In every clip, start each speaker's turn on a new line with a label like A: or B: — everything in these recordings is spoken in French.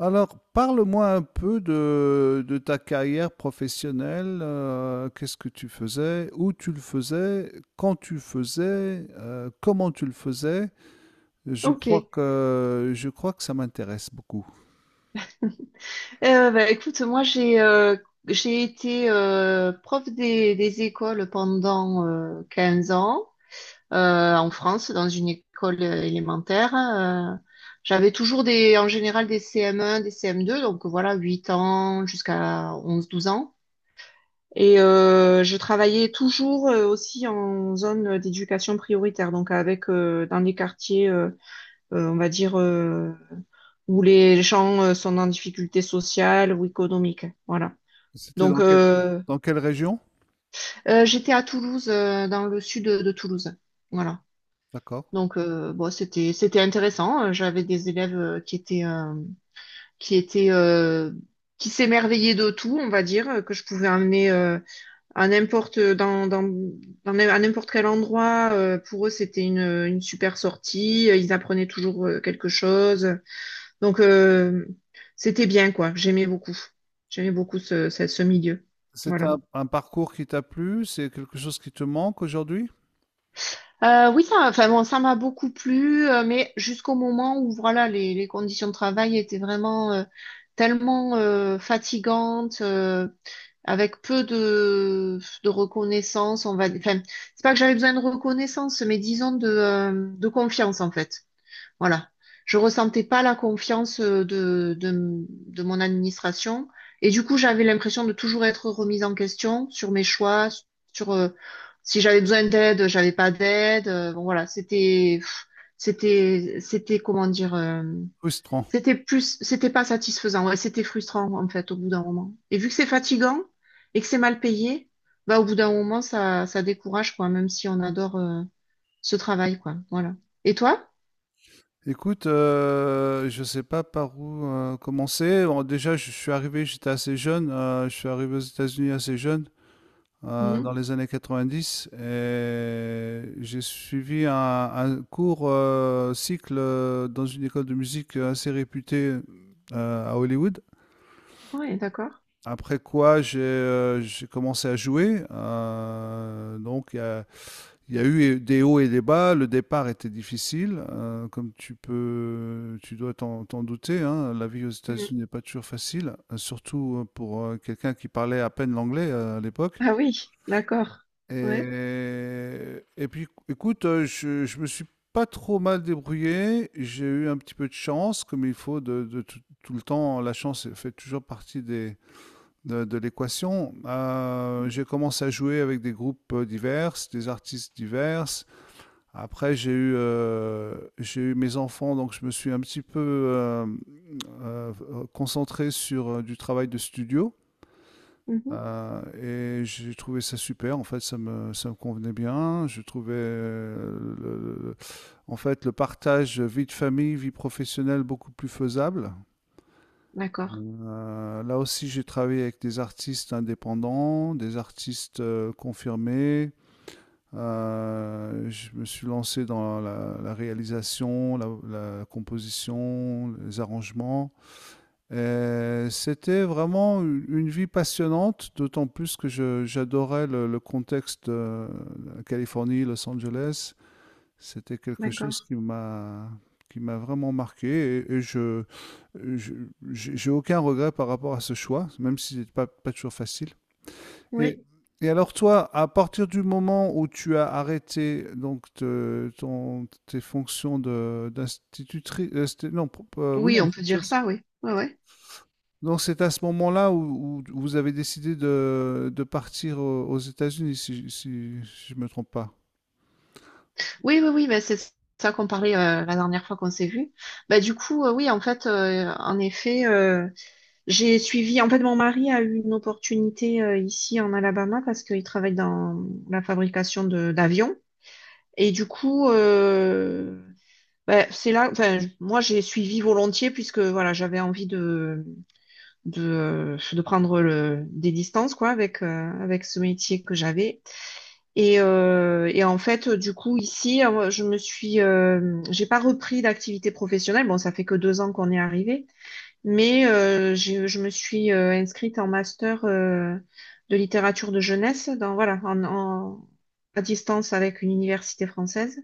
A: Alors, parle-moi un peu de ta carrière professionnelle. Qu'est-ce que tu faisais, où tu le faisais, quand tu le faisais, comment tu le faisais. Je
B: Ok.
A: crois que, je crois que ça m'intéresse beaucoup.
B: Bah, écoute, moi j'ai été prof des écoles pendant 15 ans en France, dans une école élémentaire. J'avais toujours en général des CM1, des CM2, donc voilà, 8 ans jusqu'à 11-12 ans. Et je travaillais toujours aussi en zone d'éducation prioritaire, donc avec dans des quartiers, on va dire, où les gens sont en difficulté sociale ou économique. Voilà.
A: C'était
B: Donc,
A: dans quelle, dans quelle région?
B: j'étais à Toulouse, dans le sud de Toulouse. Voilà.
A: D'accord.
B: Donc, bon, c'était intéressant. J'avais des élèves qui étaient euh, qui s'émerveillaient de tout, on va dire, que je pouvais emmener à n'importe dans, dans, dans n'im- à n'importe quel endroit. Pour eux, c'était une super sortie. Ils apprenaient toujours quelque chose. Donc, c'était bien, quoi. J'aimais beaucoup. J'aimais beaucoup ce milieu.
A: C'est
B: Voilà.
A: un parcours qui t'a plu? C'est quelque chose qui te manque aujourd'hui?
B: Oui, ça, enfin bon, ça m'a beaucoup plu, mais jusqu'au moment où voilà, les conditions de travail étaient vraiment tellement fatigantes, avec peu de reconnaissance, enfin, c'est pas que j'avais besoin de reconnaissance, mais disons de confiance en fait. Voilà. Je ressentais pas la confiance de mon administration. Et du coup, j'avais l'impression de toujours être remise en question sur mes choix, sur si j'avais besoin d'aide, j'avais pas d'aide. Bon, voilà, c'était, pff, c'était, c'était, comment dire,
A: Frustrant.
B: c'était pas satisfaisant. Ouais, c'était frustrant, en fait, au bout d'un moment. Et vu que c'est fatigant et que c'est mal payé, bah, au bout d'un moment, ça décourage, quoi, même si on adore, ce travail, quoi. Voilà. Et toi?
A: Écoute, je ne sais pas par où commencer. Bon, déjà, je suis arrivé, j'étais assez jeune. Je suis arrivé aux États-Unis assez jeune, dans
B: Mhm.
A: les années 90, et j'ai suivi un court cycle dans une école de musique assez réputée à Hollywood.
B: Oui, d'accord.
A: Après quoi, j'ai commencé à jouer. Donc, il y a eu des hauts et des bas. Le départ était difficile, comme tu dois t'en douter, hein. La vie aux
B: Mm.
A: États-Unis n'est pas toujours facile, surtout pour quelqu'un qui parlait à peine l'anglais à l'époque.
B: Ah oui, d'accord. Ouais.
A: Et puis, écoute, je me suis pas trop mal débrouillé. J'ai eu un petit peu de chance, comme il faut de tout, tout le temps. La chance fait toujours partie de l'équation. J'ai commencé à jouer avec des groupes divers, des artistes divers. Après, j'ai eu mes enfants, donc je me suis un petit peu euh, concentré sur du travail de studio.
B: Mhm.
A: Euh, et j'ai trouvé ça super. En fait, ça me convenait bien. Je trouvais, en fait, le partage vie de famille, vie professionnelle beaucoup plus faisable.
B: D'accord,
A: Là aussi, j'ai travaillé avec des artistes indépendants, des artistes confirmés. Je me suis lancé dans la réalisation, la composition, les arrangements. Et c'était vraiment une vie passionnante, d'autant plus que j'adorais le contexte de la Californie, Los Angeles. C'était quelque
B: d'accord.
A: chose qui m'a vraiment marqué, et je- j'ai aucun regret par rapport à ce choix, même si c'est pas toujours facile.
B: Oui.
A: Et et alors toi, à partir du moment où tu as arrêté donc tes fonctions de d'institutrice, non, oui,
B: Oui, on peut dire ça, oui. Ouais, ouais.
A: donc c'est à ce moment-là où vous avez décidé de partir aux États-Unis, si je ne me trompe pas.
B: Oui, oui, oui, bah, c'est ça qu'on parlait la dernière fois qu'on s'est vu. Bah, du coup, oui, en fait, en effet, j'ai suivi, en fait, mon mari a eu une opportunité ici en Alabama parce qu'il travaille dans la fabrication de d'avions. Et du coup, ben, c'est là, enfin, moi, j'ai suivi volontiers puisque voilà, j'avais envie de prendre des distances quoi, avec ce métier que j'avais. Et en fait, du coup, ici, j'ai pas repris d'activité professionnelle. Bon, ça fait que 2 ans qu'on est arrivé. Mais je me suis inscrite en master de littérature de jeunesse voilà, à distance avec une université française.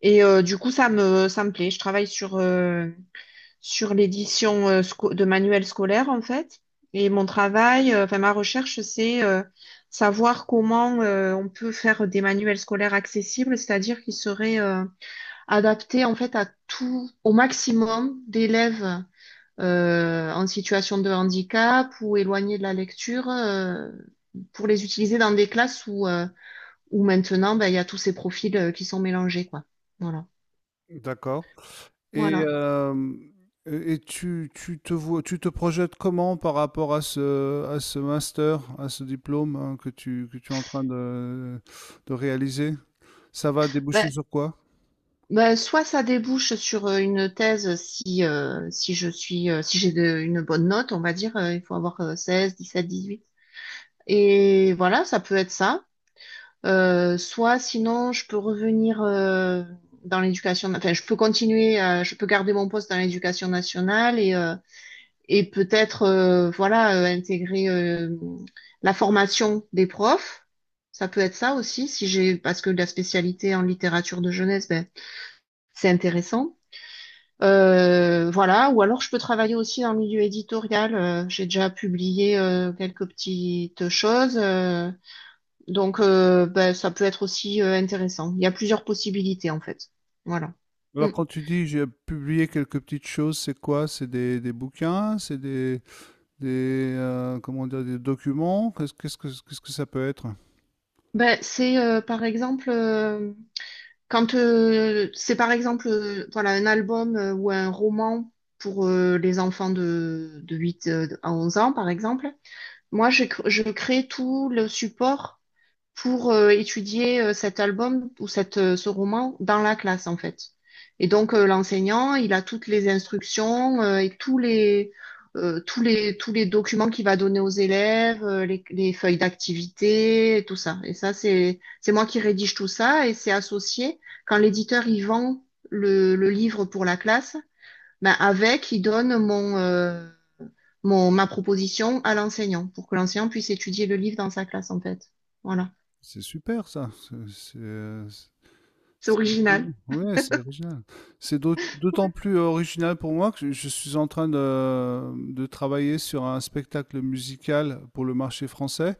B: Et du coup, ça me plaît. Je travaille sur l'édition de manuels scolaires, en fait. Et mon travail, enfin ma recherche, c'est savoir comment on peut faire des manuels scolaires accessibles, c'est-à-dire qu'ils seraient adaptés en fait à tout, au maximum d'élèves en situation de handicap ou éloignés de la lecture pour les utiliser dans des classes où maintenant ben, il y a tous ces profils qui sont mélangés, quoi. Voilà.
A: D'accord. Et,
B: Voilà.
A: euh, et tu te vois, tu te projettes comment par rapport à ce master, à ce diplôme, hein, que tu es en train de réaliser? Ça va
B: Ben,
A: déboucher sur quoi?
B: soit ça débouche sur une thèse si, si je suis si j'ai une bonne note, on va dire, il faut avoir 16, 18. Et voilà, ça peut être ça. Soit sinon, je peux revenir dans l'éducation, enfin, je peux continuer, je peux garder mon poste dans l'éducation nationale et peut-être voilà intégrer la formation des profs. Ça peut être ça aussi si j'ai parce que la spécialité en littérature de jeunesse, ben, c'est intéressant. Voilà, ou alors je peux travailler aussi dans le milieu éditorial. J'ai déjà publié quelques petites choses, ça peut être aussi intéressant. Il y a plusieurs possibilités en fait. Voilà.
A: Alors,
B: Mm.
A: quand tu dis j'ai publié quelques petites choses, c'est quoi? C'est des bouquins, c'est des comment dire, des documents? Qu'est-ce que ça peut être?
B: Ben, c'est par exemple Quand c'est par exemple voilà, un album ou un roman pour les enfants de 8 à 11 ans, par exemple, je crée tout le support pour étudier cet album ou ce roman dans la classe, en fait. Et donc, l'enseignant, il a toutes les instructions et tous les documents qu'il va donner aux élèves, les feuilles d'activité, et tout ça. Et ça, c'est moi qui rédige tout ça et c'est associé. Quand l'éditeur, il vend le livre pour la classe, ben avec, il donne ma proposition à l'enseignant pour que l'enseignant puisse étudier le livre dans sa classe, en fait. Voilà.
A: C'est super, ça, c'est c'est,
B: C'est
A: c'est
B: original.
A: étonnant. Ouais, c'est original. C'est d'autant
B: Ouais.
A: plus original pour moi que je suis en train de travailler sur un spectacle musical pour le marché français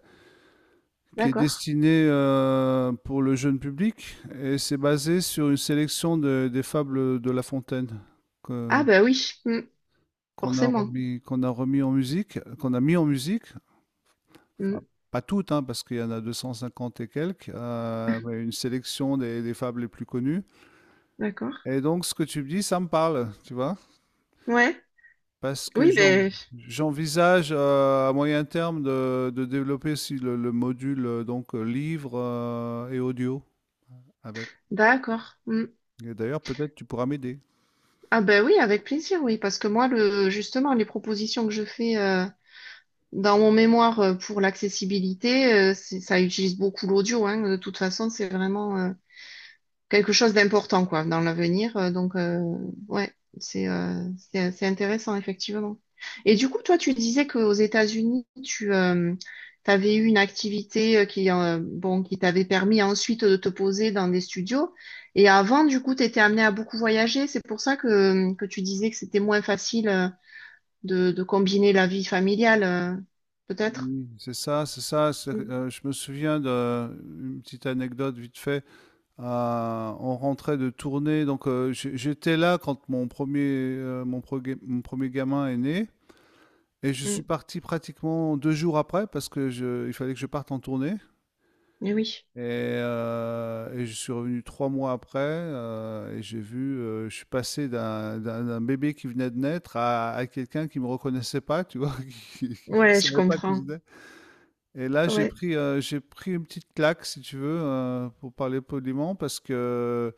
A: qui est
B: D'accord.
A: destiné, pour le jeune public, et c'est basé sur une sélection de des fables de La Fontaine que
B: Ah bah oui, forcément.
A: qu'on a remis en musique, qu'on a mis en musique.
B: Mm,
A: Enfin, pas toutes, hein, parce qu'il y en a 250 et quelques, mais une sélection des fables les plus connues.
B: d'accord.
A: Et donc, ce que tu me dis, ça me parle, tu vois,
B: Ouais.
A: parce que
B: Oui, ben
A: j'envisage à moyen terme de développer aussi le module, livre et audio avec.
B: d'accord. Mm.
A: Et d'ailleurs, peut-être tu pourras m'aider.
B: Ah bah oui, avec plaisir, oui, parce que moi, justement, les propositions que je fais dans mon mémoire pour l'accessibilité, ça utilise beaucoup l'audio, hein. De toute façon, c'est vraiment quelque chose d'important quoi dans l'avenir. Ouais, c'est c'est intéressant effectivement. Et du coup, toi, tu disais qu'aux États-Unis, tu avais eu une activité qui bon qui t'avait permis ensuite de te poser dans des studios. Et avant, du coup, tu étais amené à beaucoup voyager. C'est pour ça que tu disais que c'était moins facile de combiner la vie familiale, peut-être.
A: Oui, c'est ça, c'est ça. c'est-
B: Mm,
A: euh, je me souviens d'une petite anecdote vite fait. On rentrait de tournée, donc j'étais là quand mon premier gamin est né, et je suis
B: mm.
A: parti pratiquement 2 jours après parce que il fallait que je parte en tournée.
B: Mais oui.
A: Et je suis revenu 3 mois après, et je suis passé d'un bébé qui venait de naître à quelqu'un qui me reconnaissait pas, tu vois, qui ne
B: Ouais, je
A: savait pas qui
B: comprends.
A: j'étais. Et là, j'ai
B: Ouais.
A: pris, heu, j'ai pris une petite claque, si tu veux, pour parler poliment, parce que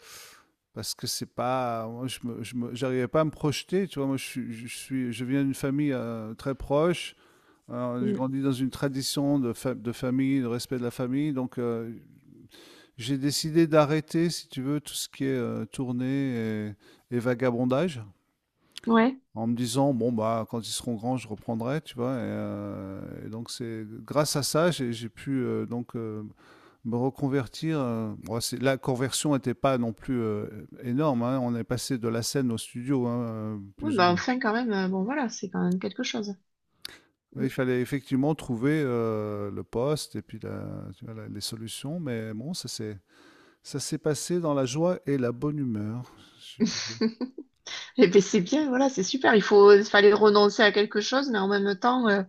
A: c'est pas moi, je me j'arrivais pas à me projeter, tu vois? Moi, je viens d'une famille, très proche. J'ai
B: Mm.
A: grandi dans une tradition de famille, de respect de la famille, donc j'ai décidé d'arrêter, si tu veux, tout ce qui est, tournée et vagabondage,
B: Ouais.
A: en me disant bon, bah, quand ils seront grands, je reprendrai, tu vois. Et donc c'est grâce à ça j'ai pu me reconvertir. Bon, la conversion n'était pas non plus énorme, hein. On est passé de la scène au studio, hein,
B: Oui,
A: plus ou
B: bah
A: moins.
B: enfin quand même, bon voilà, c'est quand même quelque chose.
A: Oui, il
B: Mm.
A: fallait effectivement trouver le poste et puis tu vois, les solutions, mais bon, ça s'est passé dans la joie et la bonne humeur. Je sais plus
B: Et puis c'est bien, voilà, c'est super. Il fallait renoncer à quelque chose, mais en même temps,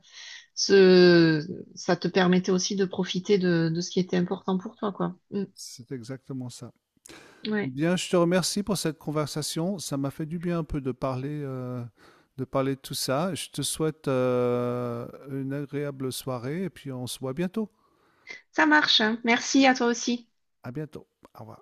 B: ce, ça te permettait aussi de profiter de ce qui était important pour toi, quoi. Mm.
A: si c'est exactement ça.
B: Ouais.
A: Bien, je te remercie pour cette conversation. Ça m'a fait du bien un peu de parler de tout ça. Je te souhaite une agréable soirée, et puis on se voit bientôt.
B: Ça marche, hein. Merci à toi aussi.
A: À bientôt. Au revoir.